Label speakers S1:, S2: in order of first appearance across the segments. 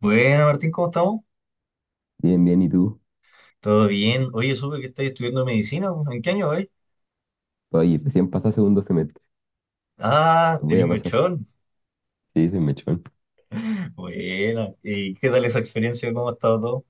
S1: Bueno, Martín, ¿cómo estamos?
S2: Bien, bien, ¿y tú?
S1: ¿Todo bien? Oye, supe que estás estudiando medicina, ¿no? ¿En qué año hoy?
S2: Oye, recién pasa segundo semestre.
S1: Ah,
S2: Lo voy
S1: eres
S2: a pasar.
S1: mechón.
S2: Sí, soy mechón.
S1: Buena. ¿Y qué tal esa experiencia? ¿Cómo ha estado todo?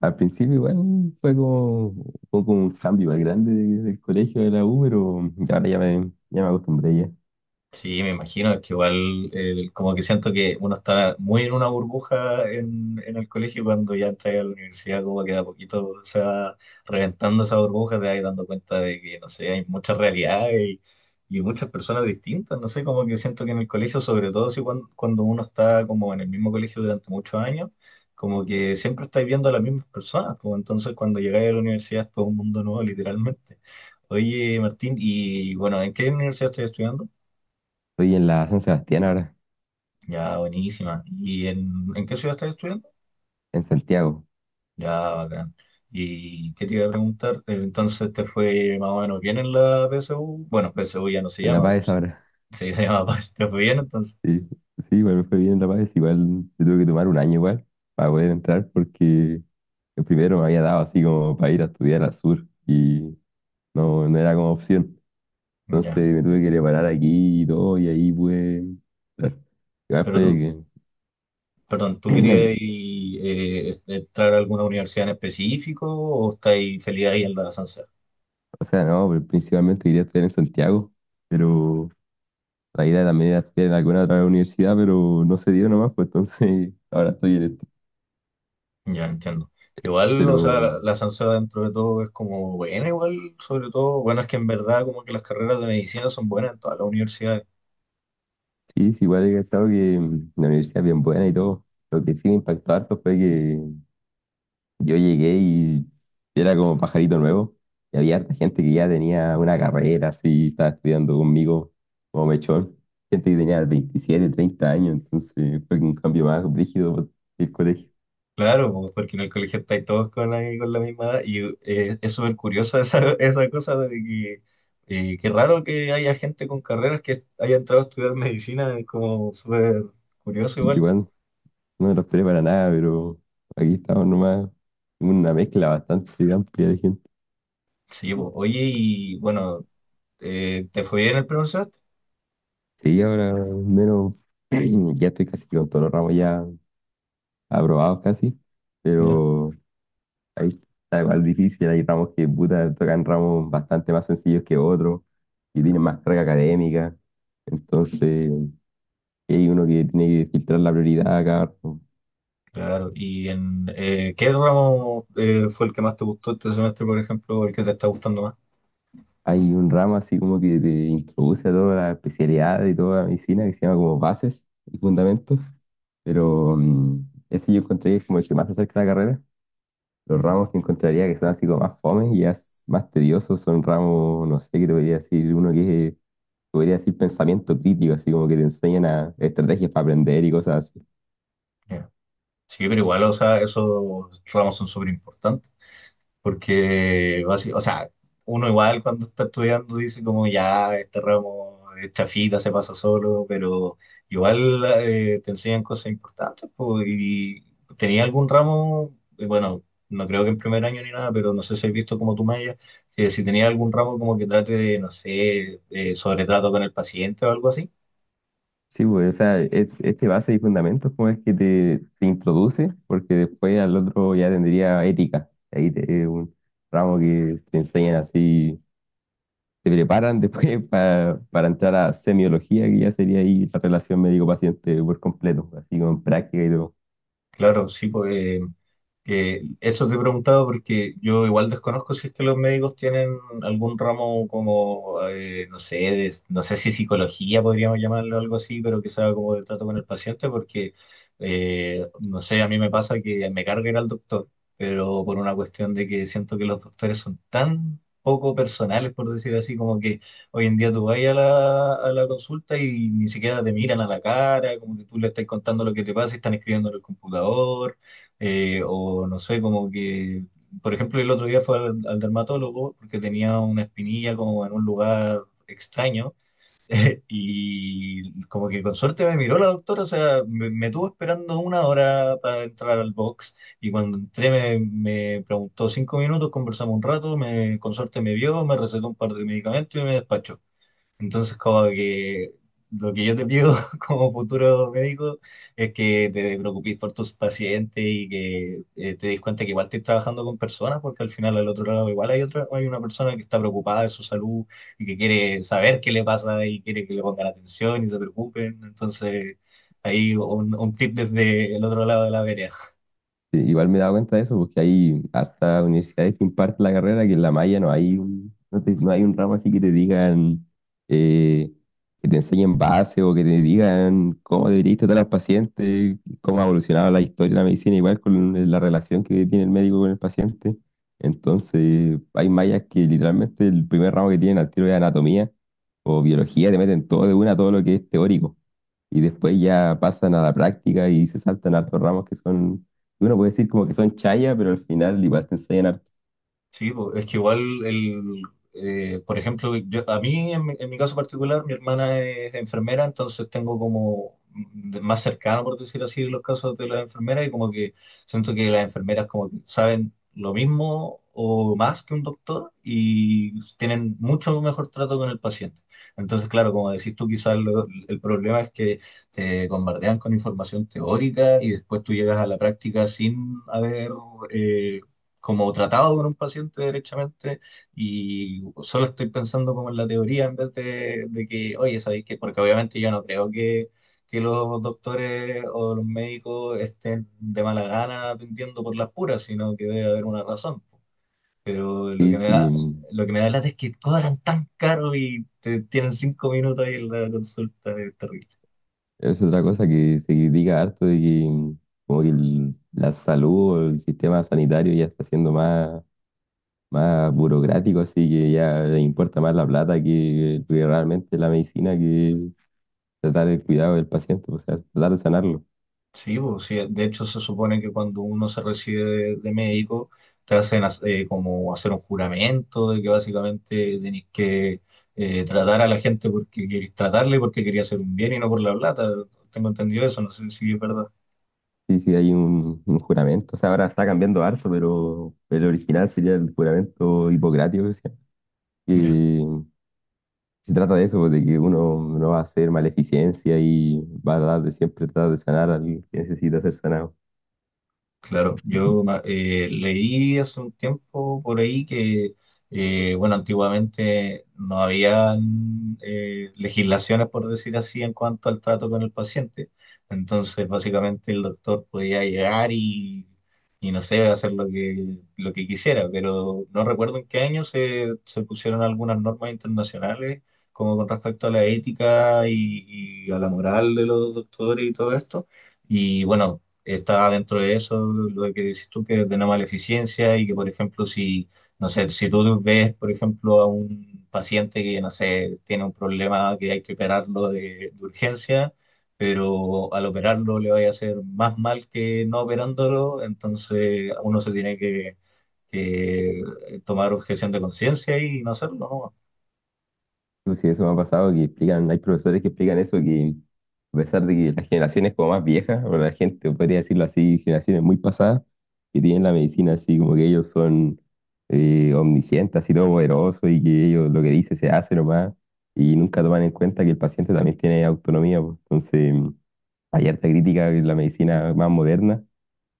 S2: Al principio igual fue como un poco un cambio más grande del colegio de la U, pero ya ahora ya me acostumbré ya.
S1: Sí, me imagino, es que igual como que siento que uno está muy en una burbuja en el colegio y cuando ya entra a la universidad, como que de a poquito se va reventando esa burbuja, te vas dando cuenta de que, no sé, hay muchas realidades y muchas personas distintas, no sé, como que siento que en el colegio, sobre todo si cuando uno está como en el mismo colegio durante muchos años, como que siempre estáis viendo a las mismas personas, como entonces cuando llegáis a la universidad es todo un mundo nuevo, literalmente. Oye, Martín, y bueno, ¿en qué universidad estás estudiando?
S2: Estoy en la San Sebastián ahora,
S1: Ya, buenísima. ¿Y en qué ciudad estás estudiando?
S2: en Santiago,
S1: Ya, bacán. ¿Y qué te iba a preguntar? Entonces, ¿te fue más o menos bien en la PSU? Bueno, PSU ya no se
S2: en La
S1: llama,
S2: Paz
S1: pues,
S2: ahora.
S1: se llama PAS, ¿te fue bien entonces?
S2: Sí, sí, igual me fue bien en La Paz, igual yo tuve que tomar un año igual para poder entrar porque el primero me había dado así como para ir a estudiar al sur y no, no era como opción.
S1: Ya.
S2: Entonces me tuve que preparar aquí y todo y ahí pude entrar. Igual
S1: Pero
S2: fue
S1: tú,
S2: que,
S1: perdón, ¿tú querías entrar a alguna universidad en específico o estáis feliz ahí en la Sansea?
S2: o sea, no, pero principalmente quería estudiar en Santiago, pero la idea también era estudiar en alguna otra universidad, pero no se dio nomás, pues entonces ahora estoy en esto.
S1: Ya, entiendo. Igual, o sea,
S2: Pero
S1: la Sansea dentro de todo es como buena, igual, sobre todo, bueno, es que en verdad como que las carreras de medicina son buenas en todas las universidades.
S2: sí, sí, igual he cachado que la universidad es bien buena y todo. Lo que sí me impactó harto fue que yo llegué y era como pajarito nuevo, y había harta gente que ya tenía una carrera, así, estaba estudiando conmigo como mechón, gente que tenía 27 30 años, entonces fue un cambio más rígido. El colegio.
S1: Claro, po, porque en el colegio estáis todos con la misma edad y es súper curiosa esa, esa cosa de que qué raro que haya gente con carreras que haya entrado a estudiar medicina, es como súper curioso igual.
S2: Igual no me lo esperé para nada, pero aquí estamos nomás. Una mezcla bastante amplia de gente.
S1: Sí, po. Oye, y bueno, ¿te fue bien el primer semestre?
S2: Sí, ahora al menos ya estoy casi con todos los ramos ya aprobados casi,
S1: Ya,
S2: pero ahí está igual difícil. Hay ramos que puta, tocan ramos bastante más sencillos que otros y tienen más carga académica. Entonces, hay uno que tiene que filtrar la prioridad a cada rato.
S1: claro. ¿Y en qué ramo fue el que más te gustó este semestre, por ejemplo, o el que te está gustando más?
S2: Hay un ramo así como que te introduce a toda la especialidad y toda la medicina que se llama como bases y fundamentos. Pero ese yo encontré que es como el que más se acerca a la carrera. Los
S1: Ya,
S2: ramos que encontraría que son así como más fomes y ya más tediosos son ramos, no sé, qué te podría decir, uno que es, podría decir pensamiento crítico, así como que te enseñan a estrategias para aprender y cosas así.
S1: ya. Sí, pero igual, o sea, esos ramos son súper importantes. Porque, o sea, uno igual cuando está estudiando dice como ya, este ramo es chafita, se pasa solo, pero igual te enseñan cosas importantes, pues. Y tenía algún ramo, bueno, no creo que en primer año ni nada, pero no sé si has visto como tú, Maya, que si tenía algún ramo como que trate de, no sé, sobretrato con el paciente o algo así.
S2: Sí, pues, o sea, este base y fundamentos como es que te introduce, porque después al otro ya tendría ética. Ahí es un ramo que te enseñan así, se preparan después para entrar a semiología, que ya sería ahí la relación médico-paciente por completo, así con práctica y todo.
S1: Claro, sí, pues. Que eso te he preguntado porque yo igual desconozco si es que los médicos tienen algún ramo como, no sé, no sé si psicología podríamos llamarlo algo así, pero que sea como de trato con el paciente, porque, no sé, a mí me pasa que me carga ir al doctor, pero por una cuestión de que siento que los doctores son tan poco personales, por decir así, como que hoy en día tú vas a la consulta y ni siquiera te miran a la cara, como que tú le estás contando lo que te pasa y están escribiendo en el computador. O no sé, como que, por ejemplo, el otro día fue al dermatólogo porque tenía una espinilla como en un lugar extraño y como que con suerte me miró la doctora, o sea, me tuvo esperando una hora para entrar al box y cuando entré me preguntó cinco minutos, conversamos un rato, me, con suerte me vio, me recetó un par de medicamentos y me despachó. Entonces, como que lo que yo te pido como futuro médico es que te preocupes por tus pacientes y que te des cuenta que igual estás trabajando con personas, porque al final al otro lado igual hay otra, hay una persona que está preocupada de su salud y que quiere saber qué le pasa y quiere que le pongan atención y se preocupen. Entonces, ahí un tip desde el otro lado de la vereda.
S2: Sí, igual me he dado cuenta de eso, porque hay hasta universidades que imparten la carrera, que en la malla no hay un, no no hay un ramo así que te digan, eh, que te enseñen base o que te digan cómo deberías tratar al paciente, cómo ha evolucionado la historia de la medicina, igual con la relación que tiene el médico con el paciente. Entonces, hay mallas que literalmente el primer ramo que tienen al tiro es anatomía o biología, te meten todo de una, todo lo que es teórico. Y después ya pasan a la práctica y se saltan hartos ramos que son, uno puede decir como que son chaya, pero al final igual te enseñan harto.
S1: Sí, po, es que igual, el, por ejemplo, yo- a mí, en, mi caso particular, mi hermana es enfermera, entonces tengo como más cercano, por decir así, los casos de las enfermeras y como que siento que las enfermeras como que saben lo mismo o más que un doctor y tienen mucho mejor trato con el paciente. Entonces, claro, como decís tú, quizás el problema es que te bombardean con información teórica y después tú llegas a la práctica sin haber... eh, como tratado con un paciente derechamente y solo estoy pensando como en la teoría en vez de que, oye, ¿sabéis qué? Porque obviamente yo no creo que los doctores o los médicos estén de mala gana atendiendo por las puras, sino que debe haber una razón. Pero lo
S2: Sí,
S1: que me
S2: sí,
S1: da, lo que me da lata es que cobran tan caro y te tienen cinco minutos ahí en la consulta, es terrible.
S2: es otra cosa que se critica harto de que como que la salud o el sistema sanitario ya está siendo más, más burocrático, así que ya le importa más la plata que realmente la medicina, que tratar el cuidado del paciente, o sea, tratar de sanarlo.
S1: Sí, pues, sí, de hecho se supone que cuando uno se recibe de médico te hacen como hacer un juramento de que básicamente tenés que tratar a la gente porque querés tratarle, porque quería hacer un bien y no por la plata. Tengo entendido eso, no sé si es verdad.
S2: Sí, sí, hay un juramento. O sea, ahora está cambiando harto, pero el original sería el juramento hipocrático, que se llama. Que
S1: Ya.
S2: se trata de eso, pues, de que uno no va a hacer maleficencia y va a dar de siempre tratar de sanar al que necesita ser sanado.
S1: Claro, yo leí hace un tiempo por ahí que, bueno, antiguamente no habían legislaciones, por decir así, en cuanto al trato con el paciente. Entonces, básicamente el doctor podía llegar y no sé, hacer lo que quisiera, pero no recuerdo en qué año se pusieron algunas normas internacionales, como con respecto a la ética y a la moral de los doctores y todo esto. Y bueno, está dentro de eso lo que dices tú, que es de eficiencia y que, por ejemplo, si, no sé, si tú ves, por ejemplo, a un paciente que, no sé, tiene un problema que hay que operarlo de urgencia, pero al operarlo le vaya a hacer más mal que no operándolo, entonces uno se tiene que tomar objeción de conciencia y no hacerlo, ¿no?
S2: Pues sí, eso me ha pasado, que explican, hay profesores que explican eso, que a pesar de que las generaciones como más viejas, o la gente, podría decirlo así, generaciones muy pasadas, que tienen la medicina así, como que ellos son omniscientes, así todo poderoso, y que ellos lo que dice se hace nomás, y nunca toman en cuenta que el paciente también tiene autonomía, pues. Entonces, hay harta crítica de la medicina más moderna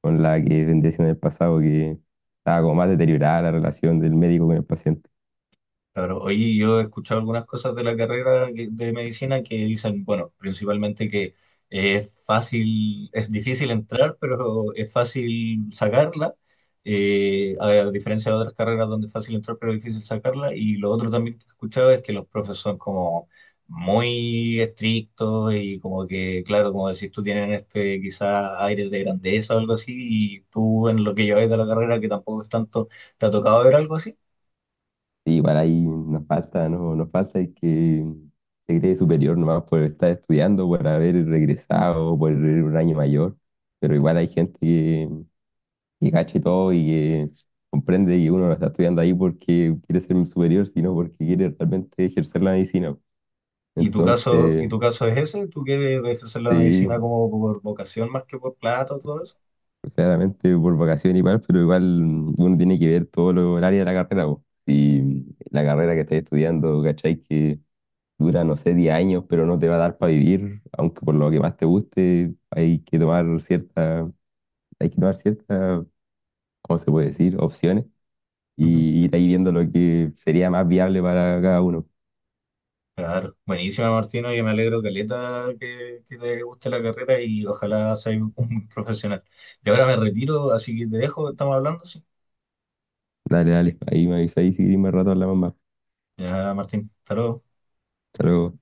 S2: con la que vendría siendo en el pasado, que estaba como más deteriorada la relación del médico con el paciente.
S1: Claro, oye, yo he escuchado algunas cosas de la carrera de medicina que dicen, bueno, principalmente que es fácil, es difícil entrar, pero es fácil sacarla, a diferencia de otras carreras donde es fácil entrar, pero es difícil sacarla. Y lo otro también que he escuchado es que los profes son como muy estrictos y como que, claro, como decís tú, tienen este quizá aire de grandeza o algo así, y tú en lo que lleváis de la carrera, que tampoco es tanto, ¿te ha tocado ver algo así?
S2: Sí, igual ahí nos falta, ¿no? Nos falta el que se cree superior nomás por estar estudiando, por haber regresado, por ir un año mayor. Pero igual hay gente que cacha y todo y que comprende que uno no está estudiando ahí porque quiere ser un superior, sino porque quiere realmente ejercer la medicina. Entonces,
S1: Y tu caso es ese? ¿Tú quieres ejercer la
S2: sí,
S1: medicina como por vocación más que por plata o todo eso?
S2: claramente por vocación igual, pero igual uno tiene que ver todo lo, el área de la carrera, po. Y la carrera que estás estudiando, ¿cachai? Que dura, no sé, 10 años, pero no te va a dar para vivir, aunque por lo que más te guste, hay que tomar cierta, hay que tomar ciertas, ¿cómo se puede decir? Opciones
S1: Ujú.
S2: y ir ahí viendo lo que sería más viable para cada uno.
S1: Claro, buenísima Martino, yo me alegro caleta que te guste la carrera y ojalá seas un un profesional. Y ahora me retiro, así que te dejo, estamos hablando, sí.
S2: Dale, dale, ahí me avisáis si queréis más rato hablamos más.
S1: Ya, Martín, hasta luego.
S2: Hasta luego.